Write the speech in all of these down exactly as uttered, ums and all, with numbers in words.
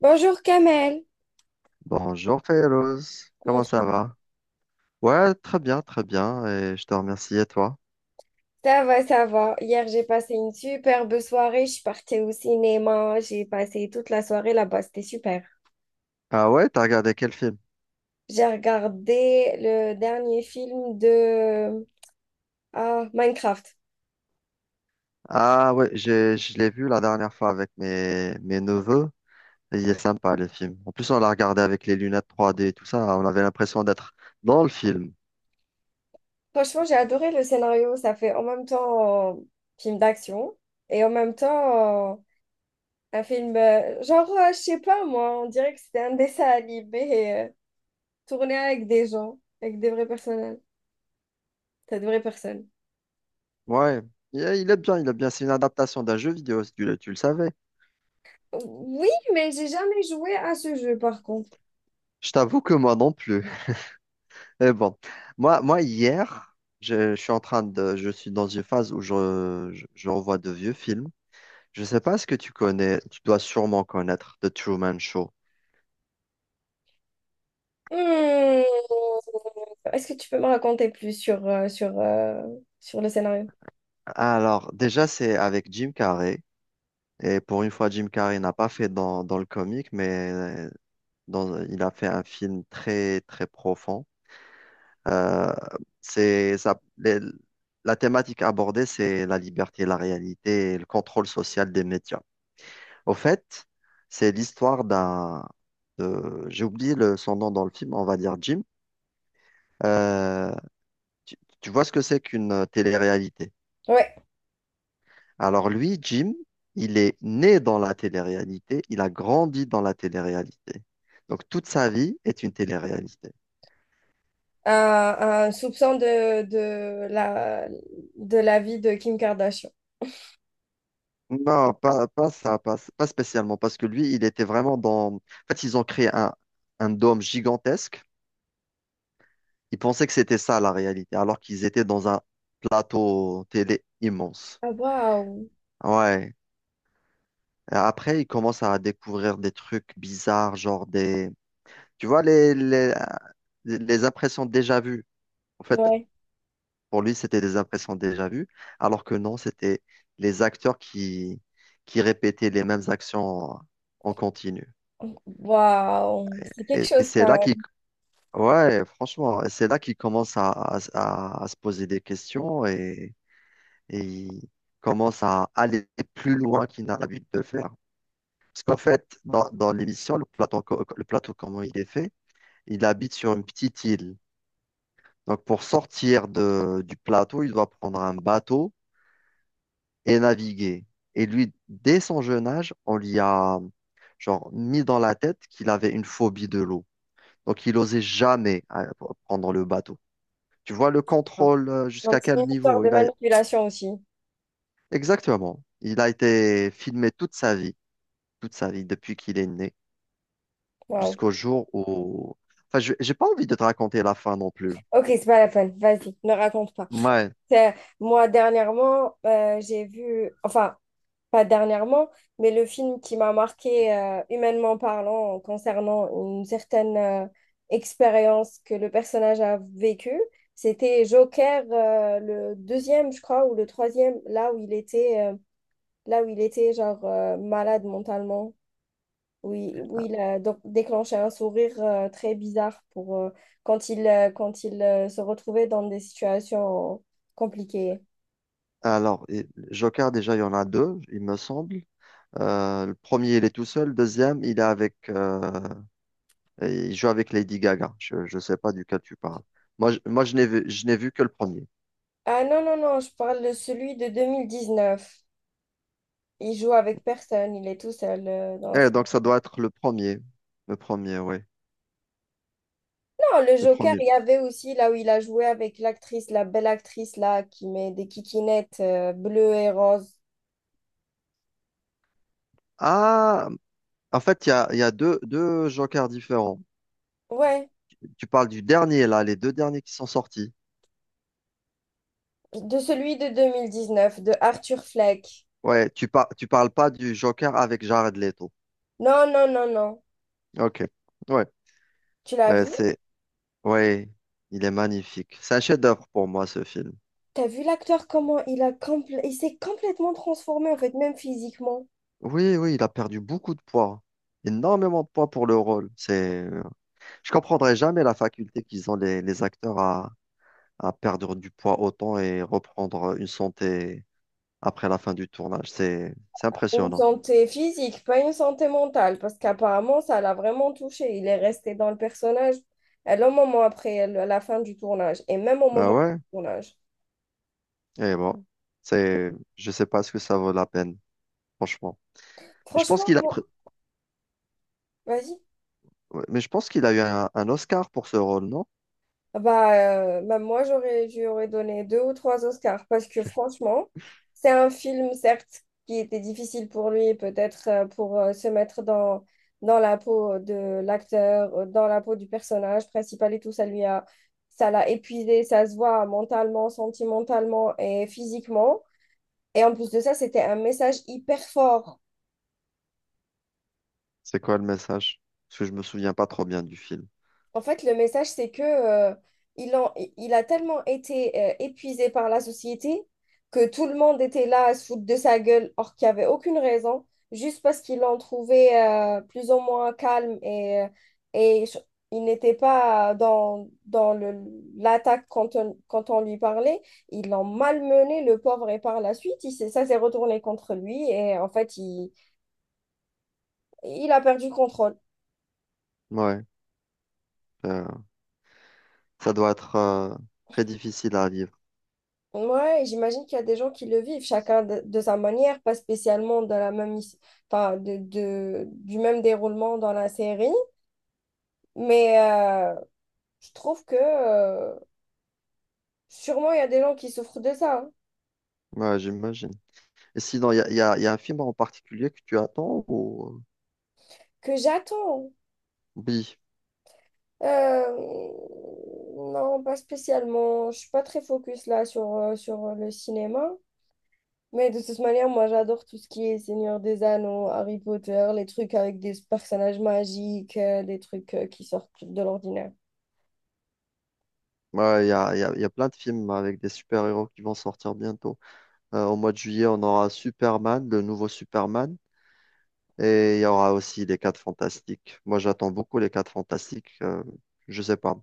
Bonjour Kamel, Bonjour Férouz, comment comment tu ça vas? va? Ouais, très bien, très bien, et je te remercie, et toi? Ça va, ça va. Hier, j'ai passé une superbe soirée. Je suis partie au cinéma. J'ai passé toute la soirée là-bas. C'était super. Ah ouais, t'as regardé quel film? J'ai regardé le dernier film de ah, Minecraft. Ah ouais, j'ai, je l'ai vu la dernière fois avec mes, mes neveux, et il est sympa le film. En plus, on l'a regardé avec les lunettes trois D et tout ça, on avait l'impression d'être dans le film. Franchement, j'ai adoré le scénario. Ça fait en même temps euh, film d'action et en même temps euh, un film, euh, genre, euh, je sais pas moi, on dirait que c'était un dessin animé euh, tourné avec des gens, avec des vrais personnages. T'as de vraies personnes. Ouais, il est il est bien, il est bien, c'est une adaptation d'un jeu vidéo, si tu le, tu le savais. Oui, mais j'ai jamais joué à ce jeu par contre. Je t'avoue que moi non plus. Mais bon, moi, moi hier, je, je suis en train de, je suis dans une phase où je, je je revois de vieux films. Je sais pas ce que tu connais, tu dois sûrement connaître The Truman Show. Hmm. Est-ce que tu peux me raconter plus sur, euh, sur, euh, sur le scénario? Alors, déjà, c'est avec Jim Carrey. Et pour une fois, Jim Carrey n'a pas fait dans, dans le comique, mais euh, dans, il a fait un film très, très profond. Euh, c'est ça, les- la thématique abordée, c'est la liberté, la réalité et le contrôle social des médias. Au fait, c'est l'histoire d'un, de- j'ai oublié le, son nom dans le film, on va dire Jim. Euh, tu tu vois ce que c'est qu'une euh, télé-réalité? Ouais, Alors lui, Jim, il est né dans la télé-réalité, il a grandi dans la télé-réalité. Donc toute sa vie est une télé-réalité. un, un soupçon de, de la, de la vie de Kim Kardashian. Non, pas, pas ça, pas, pas spécialement, parce que lui, il était vraiment dans... En fait, ils ont créé un, un dôme gigantesque. Ils pensaient que c'était ça la réalité, alors qu'ils étaient dans un plateau télé immense. Ah, waouh! Ouais. Après, ils commencent à découvrir des trucs bizarres, genre des... Tu vois, les, les, les impressions déjà vues. En fait, Ouais, pour lui, c'était des impressions déjà vues, alors que non, c'était les acteurs qui, qui répétaient les mêmes actions en en continu. waouh! C'est quelque Et, et chose c'est là quand qu'il, même. ouais, franchement, c'est là qu'il commence à, à- à- à se poser des questions et, et il commence à aller plus loin qu'il n'a l'habitude de faire. Parce qu'en fait, dans, dans l'émission, le plateau, co- le plateau, comment il est fait, il habite sur une petite île. Donc, pour sortir de, du plateau, il doit prendre un bateau et naviguer. Et lui, dès son jeune âge, on lui a genre mis dans la tête qu'il avait une phobie de l'eau. Donc il n'osait jamais euh, prendre le bateau. Tu vois le contrôle euh, Donc, jusqu'à c'est quel une histoire niveau? de Il a... manipulation aussi. Exactement. Il a été filmé toute sa vie, toute sa vie, depuis qu'il est né, Waouh! jusqu'au jour où... Enfin, je j'ai pas envie de te raconter la fin non plus. Ok, c'est pas la peine. Vas-y, ne raconte pas. Ouais. C'est- Moi, dernièrement, euh, j'ai vu, enfin, pas dernièrement, mais le film qui m'a marqué euh, humainement parlant concernant une certaine euh, expérience que le personnage a vécue, c'était Joker, euh, le deuxième, je crois, ou le troisième, là où il était, euh, là où il était genre euh, malade mentalement, où il, où il a donc déclenché un sourire euh, très bizarre pour euh, quand il, euh, quand il euh, se retrouvait dans des situations compliquées. Alors, et- Joker, déjà, il y en a deux, il me semble. Euh, le premier, il est tout seul. Le deuxième, il est avec euh, et il joue avec Lady Gaga. Je, je sais pas duquel tu parles. Moi, je, moi, je n'ai vu, je n'ai vu que le premier. Ah non, non, non, je parle de celui de deux mille dix-neuf. Il joue avec personne, il est tout seul euh, dans le Eh, film. donc, ça doit être le premier. Le premier, oui. Non, le Le Joker, premier. il y avait aussi là où il a joué avec l'actrice, la belle actrice là, qui met des kikinettes euh, bleues et roses. Ah, en fait, il y a, il y a deux, deux jokers différents. Ouais, Tu parles du dernier, là, les deux derniers qui sont sortis. de celui de deux mille dix-neuf, de Arthur Fleck. Ouais, tu par, tu parles pas du joker avec Jared Leto. Non, non, non, non. Ok. Ouais. Tu l'as Ouais, vu? c'est, ouais, il est magnifique. C'est un chef-d'œuvre pour moi, ce film. T'as vu l'acteur comment il a compl- il s'est complètement transformé en fait, même physiquement. Oui, oui, il a perdu beaucoup de poids. Énormément de poids pour le rôle. C'est, je comprendrai jamais la faculté qu'ils ont les, les acteurs à, à perdre du poids autant et reprendre une santé après la fin du tournage. C'est, c'est Une impressionnant. santé physique, pas une santé mentale, parce qu'apparemment, ça l'a vraiment touché. Il est resté dans le personnage à un moment après le- la fin du tournage et même au moment Bah ouais, du tournage. et bon, c'est, je sais pas ce que ça vaut la peine, franchement. Mais je pense Franchement, qu'il a, moi- pr- vas-y. ouais, mais je pense qu'il a eu un, un Oscar pour ce rôle, non? Ah bah, euh, bah, moi, j'aurais, je lui aurais donné deux ou trois Oscars parce que franchement, c'est un film, certes, qui était difficile pour lui, peut-être euh, pour euh, se mettre dans, dans la peau de l'acteur, euh, dans la peau du personnage principal et tout, ça lui a, ça l'a épuisé, ça se voit mentalement, sentimentalement et physiquement. Et en plus de ça, c'était un message hyper fort. C'est quoi le message? Parce que je me souviens pas trop bien du film. En fait, le message, c'est que euh, il, en- il a tellement été euh, épuisé par la société que tout le monde était là à se foutre de sa gueule, or qu'il n'y avait aucune raison, juste parce qu'ils l'ont trouvé euh, plus ou moins calme et, euh, et ch- il n'était pas dans, dans le, l'attaque quand on, quand on lui parlait. Ils l'ont malmené, le pauvre, et par la suite, il s'est- ça s'est retourné contre lui et en fait, il, il a perdu contrôle. Ouais, euh, ça doit être euh, très difficile à vivre. Ouais, j'imagine qu'il y a des gens qui le vivent, chacun de, de sa manière, pas spécialement de la même, his- enfin, de, de- du même déroulement dans la série. Mais euh, je trouve que euh, sûrement il y a des gens qui souffrent de ça, hein, Ouais, j'imagine. Et sinon, il y a, y a- y a un film en particulier que tu attends ou... que j'attends. Oui. Euh, non, pas spécialement. Je suis pas très focus là sur, euh, sur le cinéma. Mais de toute manière, moi j'adore tout ce qui est Seigneur des Anneaux, Harry Potter, les trucs avec des personnages magiques, euh, des trucs euh, qui sortent de l'ordinaire. Ouais, il y a, il y a- il y a plein de films bah, avec des super-héros qui vont sortir bientôt. Euh, au mois de juillet, on aura Superman, le nouveau Superman, et il y aura aussi les Quatre Fantastiques. Moi, j'attends beaucoup les Quatre Fantastiques. euh, je sais pas.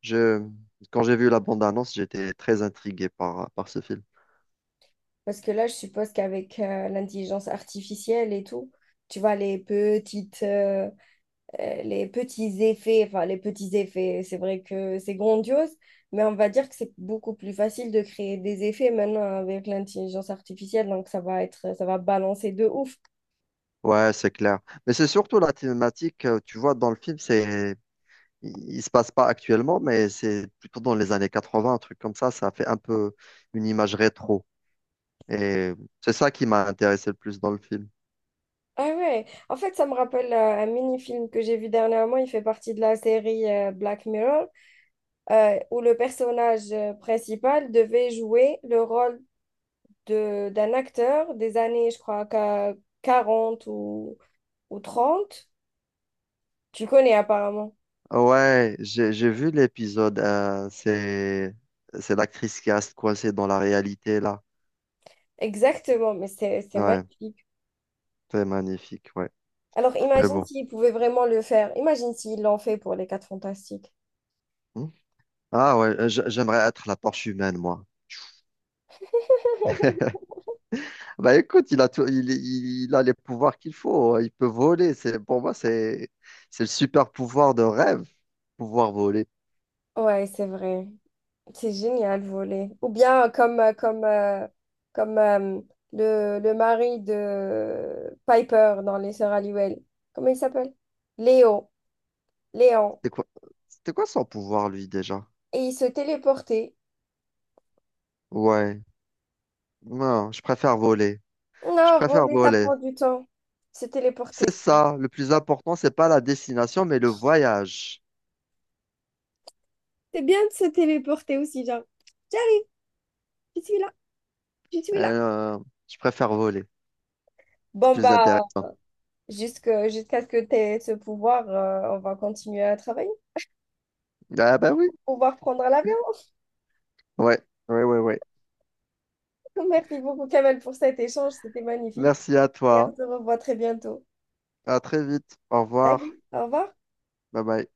Je, quand j'ai vu la bande-annonce, j'étais très intrigué par, par ce film. Parce que là, je suppose qu'avec euh, l'intelligence artificielle et tout, tu vois, les petites, euh, euh, les petits effets, enfin, les petits effets, c'est vrai que c'est grandiose, mais on va dire que c'est beaucoup plus facile de créer des effets maintenant avec l'intelligence artificielle, donc ça va être, ça va balancer de ouf. Ouais, c'est clair. Mais c'est surtout la thématique, euh, tu vois, dans le film, c'est il il se passe pas actuellement, mais c'est plutôt dans les années quatre-vingts, un truc comme ça. Ça fait un peu une image rétro. Et c'est ça qui m'a intéressé le plus dans le film. Ah ouais, en fait, ça me rappelle euh, un mini-film que j'ai vu dernièrement, il fait partie de la série euh, Black Mirror, euh, où le personnage euh, principal devait jouer le rôle de, d'un acteur des années, je crois, qu'à quarante ou, ou trente. Tu connais apparemment. Ouais, j'ai j'ai vu l'épisode. euh, c'est c'est l'actrice qui reste coincée dans la réalité là. Exactement, mais c'est c'est Ouais, magnifique. c'est magnifique. Ouais, Alors mais imagine bon. s'ils pouvaient vraiment le faire. Imagine s'ils l'ont fait pour les Quatre Fantastiques. Hmm. Ah ouais, euh, j'aimerais être la torche humaine moi. Bah écoute, il a tout, il, il- il a les pouvoirs qu'il faut, hein. Il peut voler. C'est pour moi c'est c'est le super pouvoir de rêve, pouvoir voler. Ouais, c'est vrai. C'est génial, voler. Ou bien euh, comme, euh, comme, euh, comme euh, le, le mari de Piper dans Les Sœurs Halliwell. Comment il s'appelle? Léo. Léon. C'était quoi, c'était quoi son pouvoir, lui, déjà? Et il se téléportait. Ouais. Non, je préfère voler. Je Non, préfère voler, ça voler. prend du temps. Se C'est téléporter. ça. Le plus important, c'est pas la destination, mais le voyage. C'est bien de se téléporter aussi, genre, j'arrive, je suis là, je suis là. Euh, je préfère voler. C'est Bon, plus bah, intéressant. jusque, jusqu'à ce que tu aies ce pouvoir, euh, on va continuer à travailler. Ah, bah oui. Pouvoir prendre l'avion. Ouais. Ouais, ouais, ouais. Merci beaucoup, Kamel, pour cet échange. C'était magnifique. Merci à Et toi. on se revoit très bientôt. À très vite. Au Salut, revoir. au revoir. Bye bye.